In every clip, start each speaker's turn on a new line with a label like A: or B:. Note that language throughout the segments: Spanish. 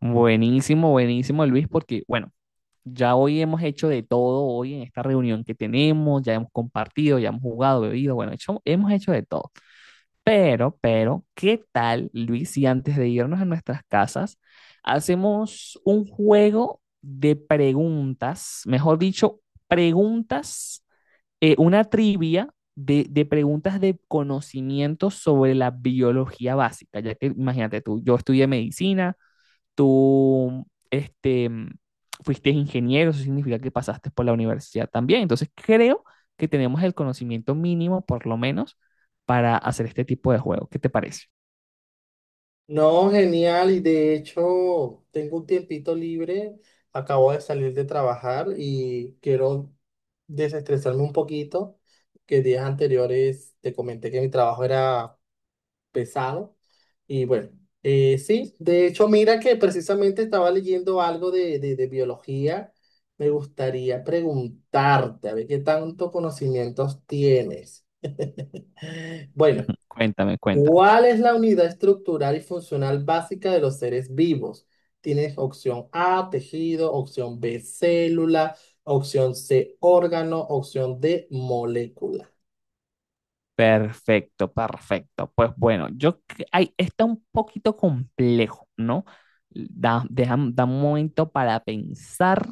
A: Buenísimo, buenísimo, Luis, porque bueno, ya hoy hemos hecho de todo, hoy en esta reunión que tenemos, ya hemos compartido, ya hemos jugado, bebido, bueno, hemos hecho de todo. Pero, ¿qué tal, Luis, si antes de irnos a nuestras casas, hacemos un juego de preguntas, mejor dicho, preguntas, una trivia de preguntas de conocimiento sobre la biología básica, ya que imagínate tú, yo estudié medicina tú este, fuiste ingeniero, eso significa que pasaste por la universidad también. Entonces creo que tenemos el conocimiento mínimo, por lo menos, para hacer este tipo de juego. ¿Qué te parece?
B: No, genial. Y de hecho, tengo un tiempito libre. Acabo de salir de trabajar y quiero desestresarme un poquito, que días anteriores te comenté que mi trabajo era pesado. Y bueno, sí, de hecho, mira que precisamente estaba leyendo algo de biología. Me gustaría preguntarte, a ver qué tanto conocimientos tienes. Bueno.
A: Cuéntame, cuéntame.
B: ¿Cuál es la unidad estructural y funcional básica de los seres vivos? Tienes opción A, tejido, opción B, célula, opción C, órgano, opción D, molécula.
A: Perfecto, perfecto. Pues bueno, ay, está un poquito complejo, ¿no? Da un momento para pensar.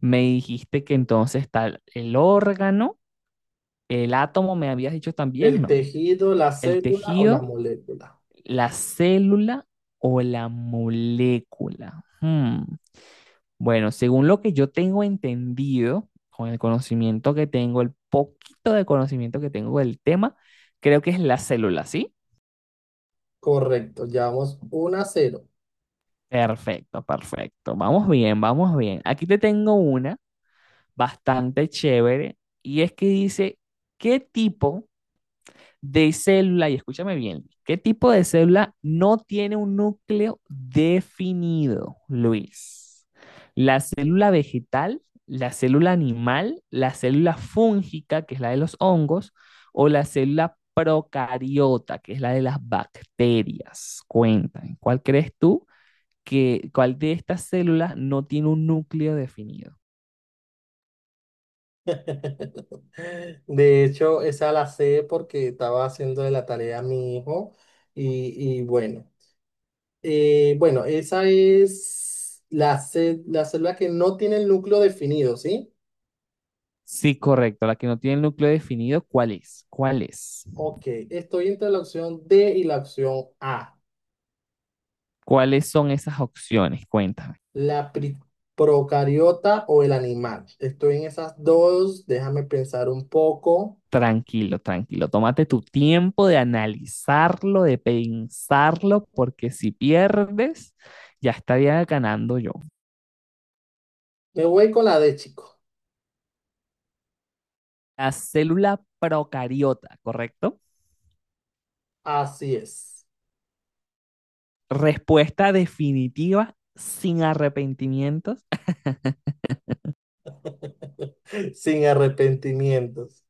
A: Me dijiste que entonces está el órgano, el átomo, me habías dicho también,
B: El
A: ¿no?
B: tejido, la
A: El
B: célula o la
A: tejido,
B: molécula.
A: ¿la célula o la molécula? Hmm, bueno, según lo que yo tengo entendido, con el conocimiento que tengo, el poquito de conocimiento que tengo del tema, creo que es la célula, ¿sí?
B: Correcto, llevamos 1 a 0.
A: Perfecto, perfecto. Vamos bien, vamos bien. Aquí te tengo una bastante chévere, y es que dice, ¿qué tipo de célula, y escúchame bien, ¿qué tipo de célula no tiene un núcleo definido, Luis? La célula vegetal, la célula animal, la célula fúngica, que es la de los hongos, o la célula procariota, que es la de las bacterias. Cuéntame, ¿cuál crees tú que, cuál de estas células no tiene un núcleo definido?
B: De hecho, esa la sé porque estaba haciendo de la tarea a mi hijo y bueno. Bueno, esa es la, la célula que no tiene el núcleo definido, ¿sí?
A: Sí, correcto, la que no tiene el núcleo definido, ¿cuál es? ¿Cuál es?
B: Ok, estoy entre la opción D y la opción A,
A: ¿Cuáles son esas opciones? Cuéntame.
B: la pri- procariota o el animal. Estoy en esas dos, déjame pensar un poco.
A: Tranquilo, tranquilo. Tómate tu tiempo de analizarlo, de pensarlo, porque si pierdes, ya estaría ganando yo.
B: Me voy con la D, chico.
A: La célula procariota, ¿correcto?
B: Así es,
A: Respuesta definitiva sin arrepentimientos.
B: sin arrepentimientos.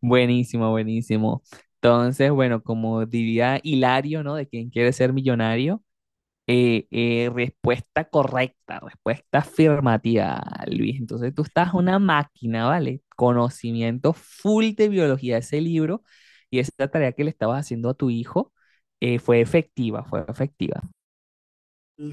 A: Buenísimo, buenísimo. Entonces, bueno, como diría Hilario, ¿no? De quien quiere ser millonario, respuesta correcta, respuesta afirmativa, Luis. Entonces tú estás una máquina, ¿vale? Conocimiento full de biología de ese libro y esa tarea que le estabas haciendo a tu hijo fue efectiva, fue efectiva.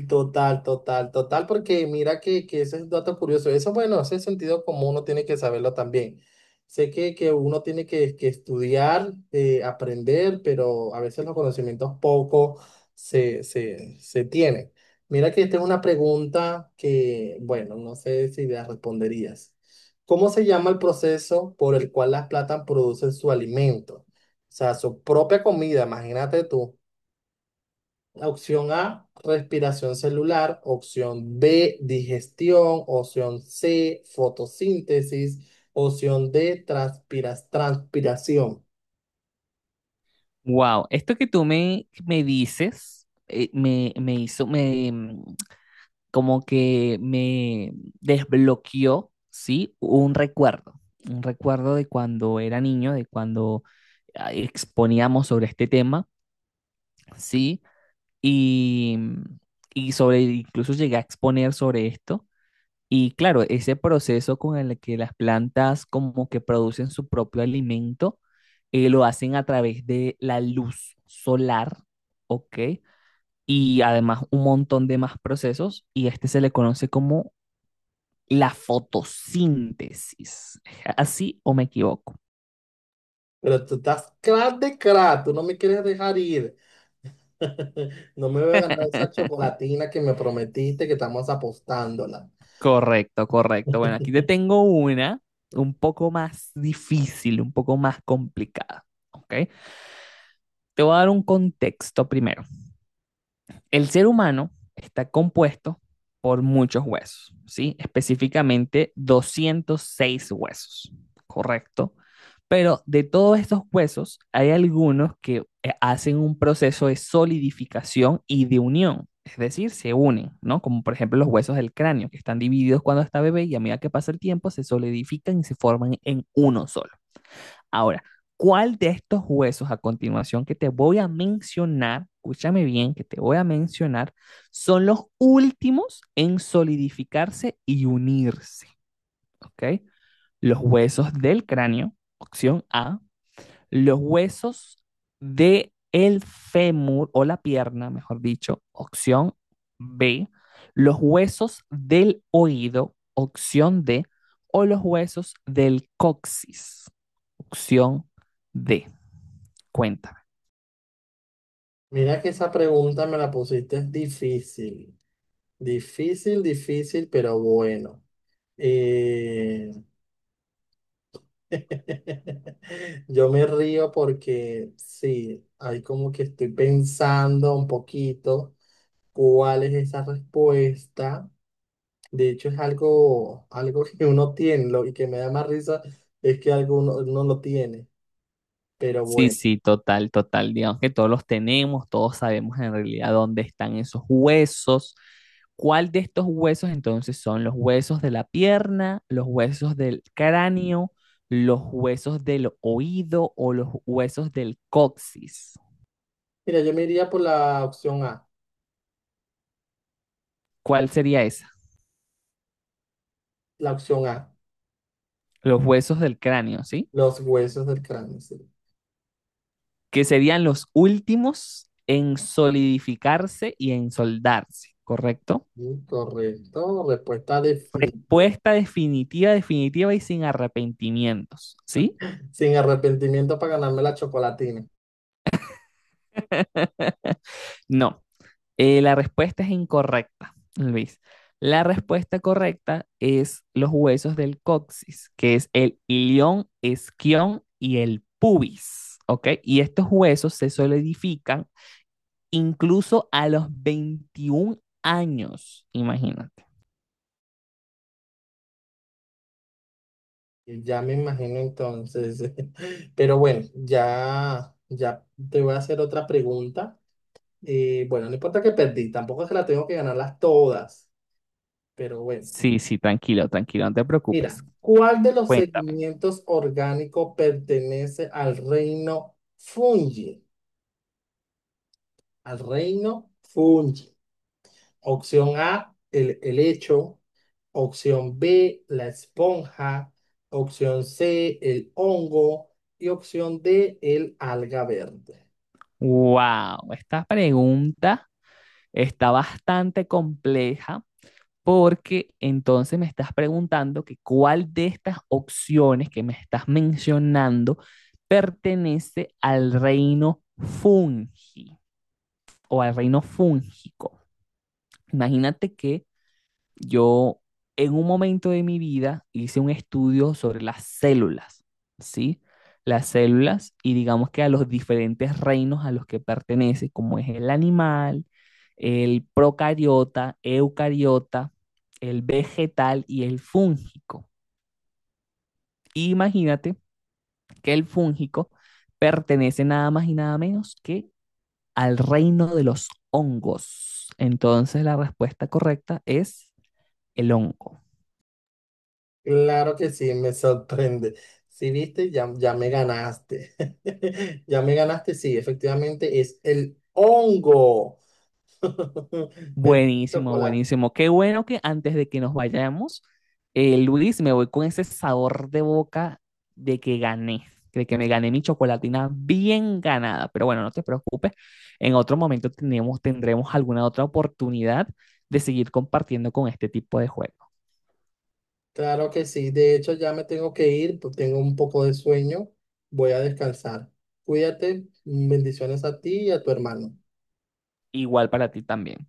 B: Total, total, total, porque mira que ese es un dato curioso. Eso, bueno, ese sentido común uno tiene que saberlo también. Sé que uno tiene que estudiar, aprender, pero a veces los conocimientos poco se tienen. Mira que esta es una pregunta que, bueno, no sé si la responderías. ¿Cómo se llama el proceso por el cual las plantas producen su alimento? O sea, su propia comida, imagínate tú. Opción A, respiración celular. Opción B, digestión. Opción C, fotosíntesis. Opción D, transpiración.
A: Wow, esto que tú me dices me hizo, como que me desbloqueó, ¿sí? Un recuerdo de cuando era niño, de cuando exponíamos sobre este tema. Sí, y, y sobre, incluso llegué a exponer sobre esto. Y claro, ese proceso con el que las plantas como que producen su propio alimento, lo hacen a través de la luz solar, ¿ok? Y además un montón de más procesos, y este se le conoce como la fotosíntesis. ¿Así o me equivoco?
B: Pero tú estás crack de crack, tú no me quieres dejar ir. No me voy a ganar esa chocolatina que me prometiste que estamos apostándola.
A: Correcto, correcto. Bueno, aquí te tengo una un poco más difícil, un poco más complicada. ¿Ok? Te voy a dar un contexto primero. El ser humano está compuesto por muchos huesos, ¿sí? Específicamente 206 huesos, ¿correcto? Pero de todos estos huesos hay algunos que hacen un proceso de solidificación y de unión, es decir, se unen, ¿no? Como por ejemplo los huesos del cráneo, que están divididos cuando está bebé y a medida que pasa el tiempo se solidifican y se forman en uno solo. Ahora, ¿cuál de estos huesos a continuación que te voy a mencionar, escúchame bien, que te voy a mencionar, son los últimos en solidificarse y unirse? ¿Ok? Los huesos del cráneo, opción A, los huesos del el fémur o la pierna, mejor dicho, opción B, los huesos del oído, opción D, o los huesos del coxis, opción D. Cuéntame.
B: Mira que esa pregunta me la pusiste difícil. Difícil, difícil, pero bueno. Eh, Yo me río porque sí, ahí como que estoy pensando un poquito cuál es esa respuesta. De hecho, es algo, algo que uno tiene, y que me da más risa es que alguno uno lo tiene. Pero
A: Sí,
B: bueno,
A: sí, total, total. Digamos que todos los tenemos, todos sabemos en realidad dónde están esos huesos. ¿Cuál de estos huesos entonces son los huesos de la pierna, los huesos del cráneo, los huesos del oído o los huesos del coxis?
B: mira, yo me iría por
A: ¿Cuál sería esa?
B: la opción A,
A: Los huesos del cráneo, ¿sí?
B: los huesos del cráneo. Sí.
A: Que serían los últimos en solidificarse y en soldarse, ¿correcto?
B: Mm, correcto, respuesta definitiva.
A: Respuesta definitiva, definitiva y sin arrepentimientos, ¿sí?
B: Sin arrepentimiento para ganarme la chocolatina.
A: No, la respuesta es incorrecta, Luis. La respuesta correcta es los huesos del coxis, que es el ilión, esquión y el pubis, ¿ok? Y estos huesos se solidifican incluso a los 21 años, imagínate.
B: Ya me imagino entonces. Pero bueno, ya te voy a hacer otra pregunta. Bueno, no importa que perdí, tampoco es que la tengo que ganarlas todas, pero bueno.
A: Sí, sí, tranquilo, tranquilo, no te
B: Mira,
A: preocupes.
B: ¿cuál de los
A: Cuéntame.
B: segmentos orgánicos pertenece al reino fungi? Al reino fungi. Opción A, el helecho. Opción B, la esponja. Opción C, el hongo. Y opción D, el alga verde.
A: Wow, esta pregunta está bastante compleja porque entonces me estás preguntando que cuál de estas opciones que me estás mencionando pertenece al reino fungi o al reino fúngico. Imagínate que yo en un momento de mi vida hice un estudio sobre las células, ¿sí? Las células, y digamos que a los diferentes reinos a los que pertenece, como es el animal, el procariota, eucariota, el vegetal y el fúngico. Imagínate que el fúngico pertenece nada más y nada menos que al reino de los hongos. Entonces la respuesta correcta es el hongo.
B: Claro que sí, me sorprende. Si viste, ya me ganaste. Ya me ganaste, sí, efectivamente es el hongo. Perdí el
A: Buenísimo,
B: chocolate.
A: buenísimo. Qué bueno que antes de que nos vayamos, Luis, me voy con ese sabor de boca de que gané, de que me gané mi chocolatina bien ganada. Pero bueno, no te preocupes, en otro momento tenemos, tendremos alguna otra oportunidad de seguir compartiendo con este tipo de juego.
B: Claro que sí. De hecho, ya me tengo que ir, pues tengo un poco de sueño. Voy a descansar. Cuídate. Bendiciones a ti y a tu hermano.
A: Igual para ti también.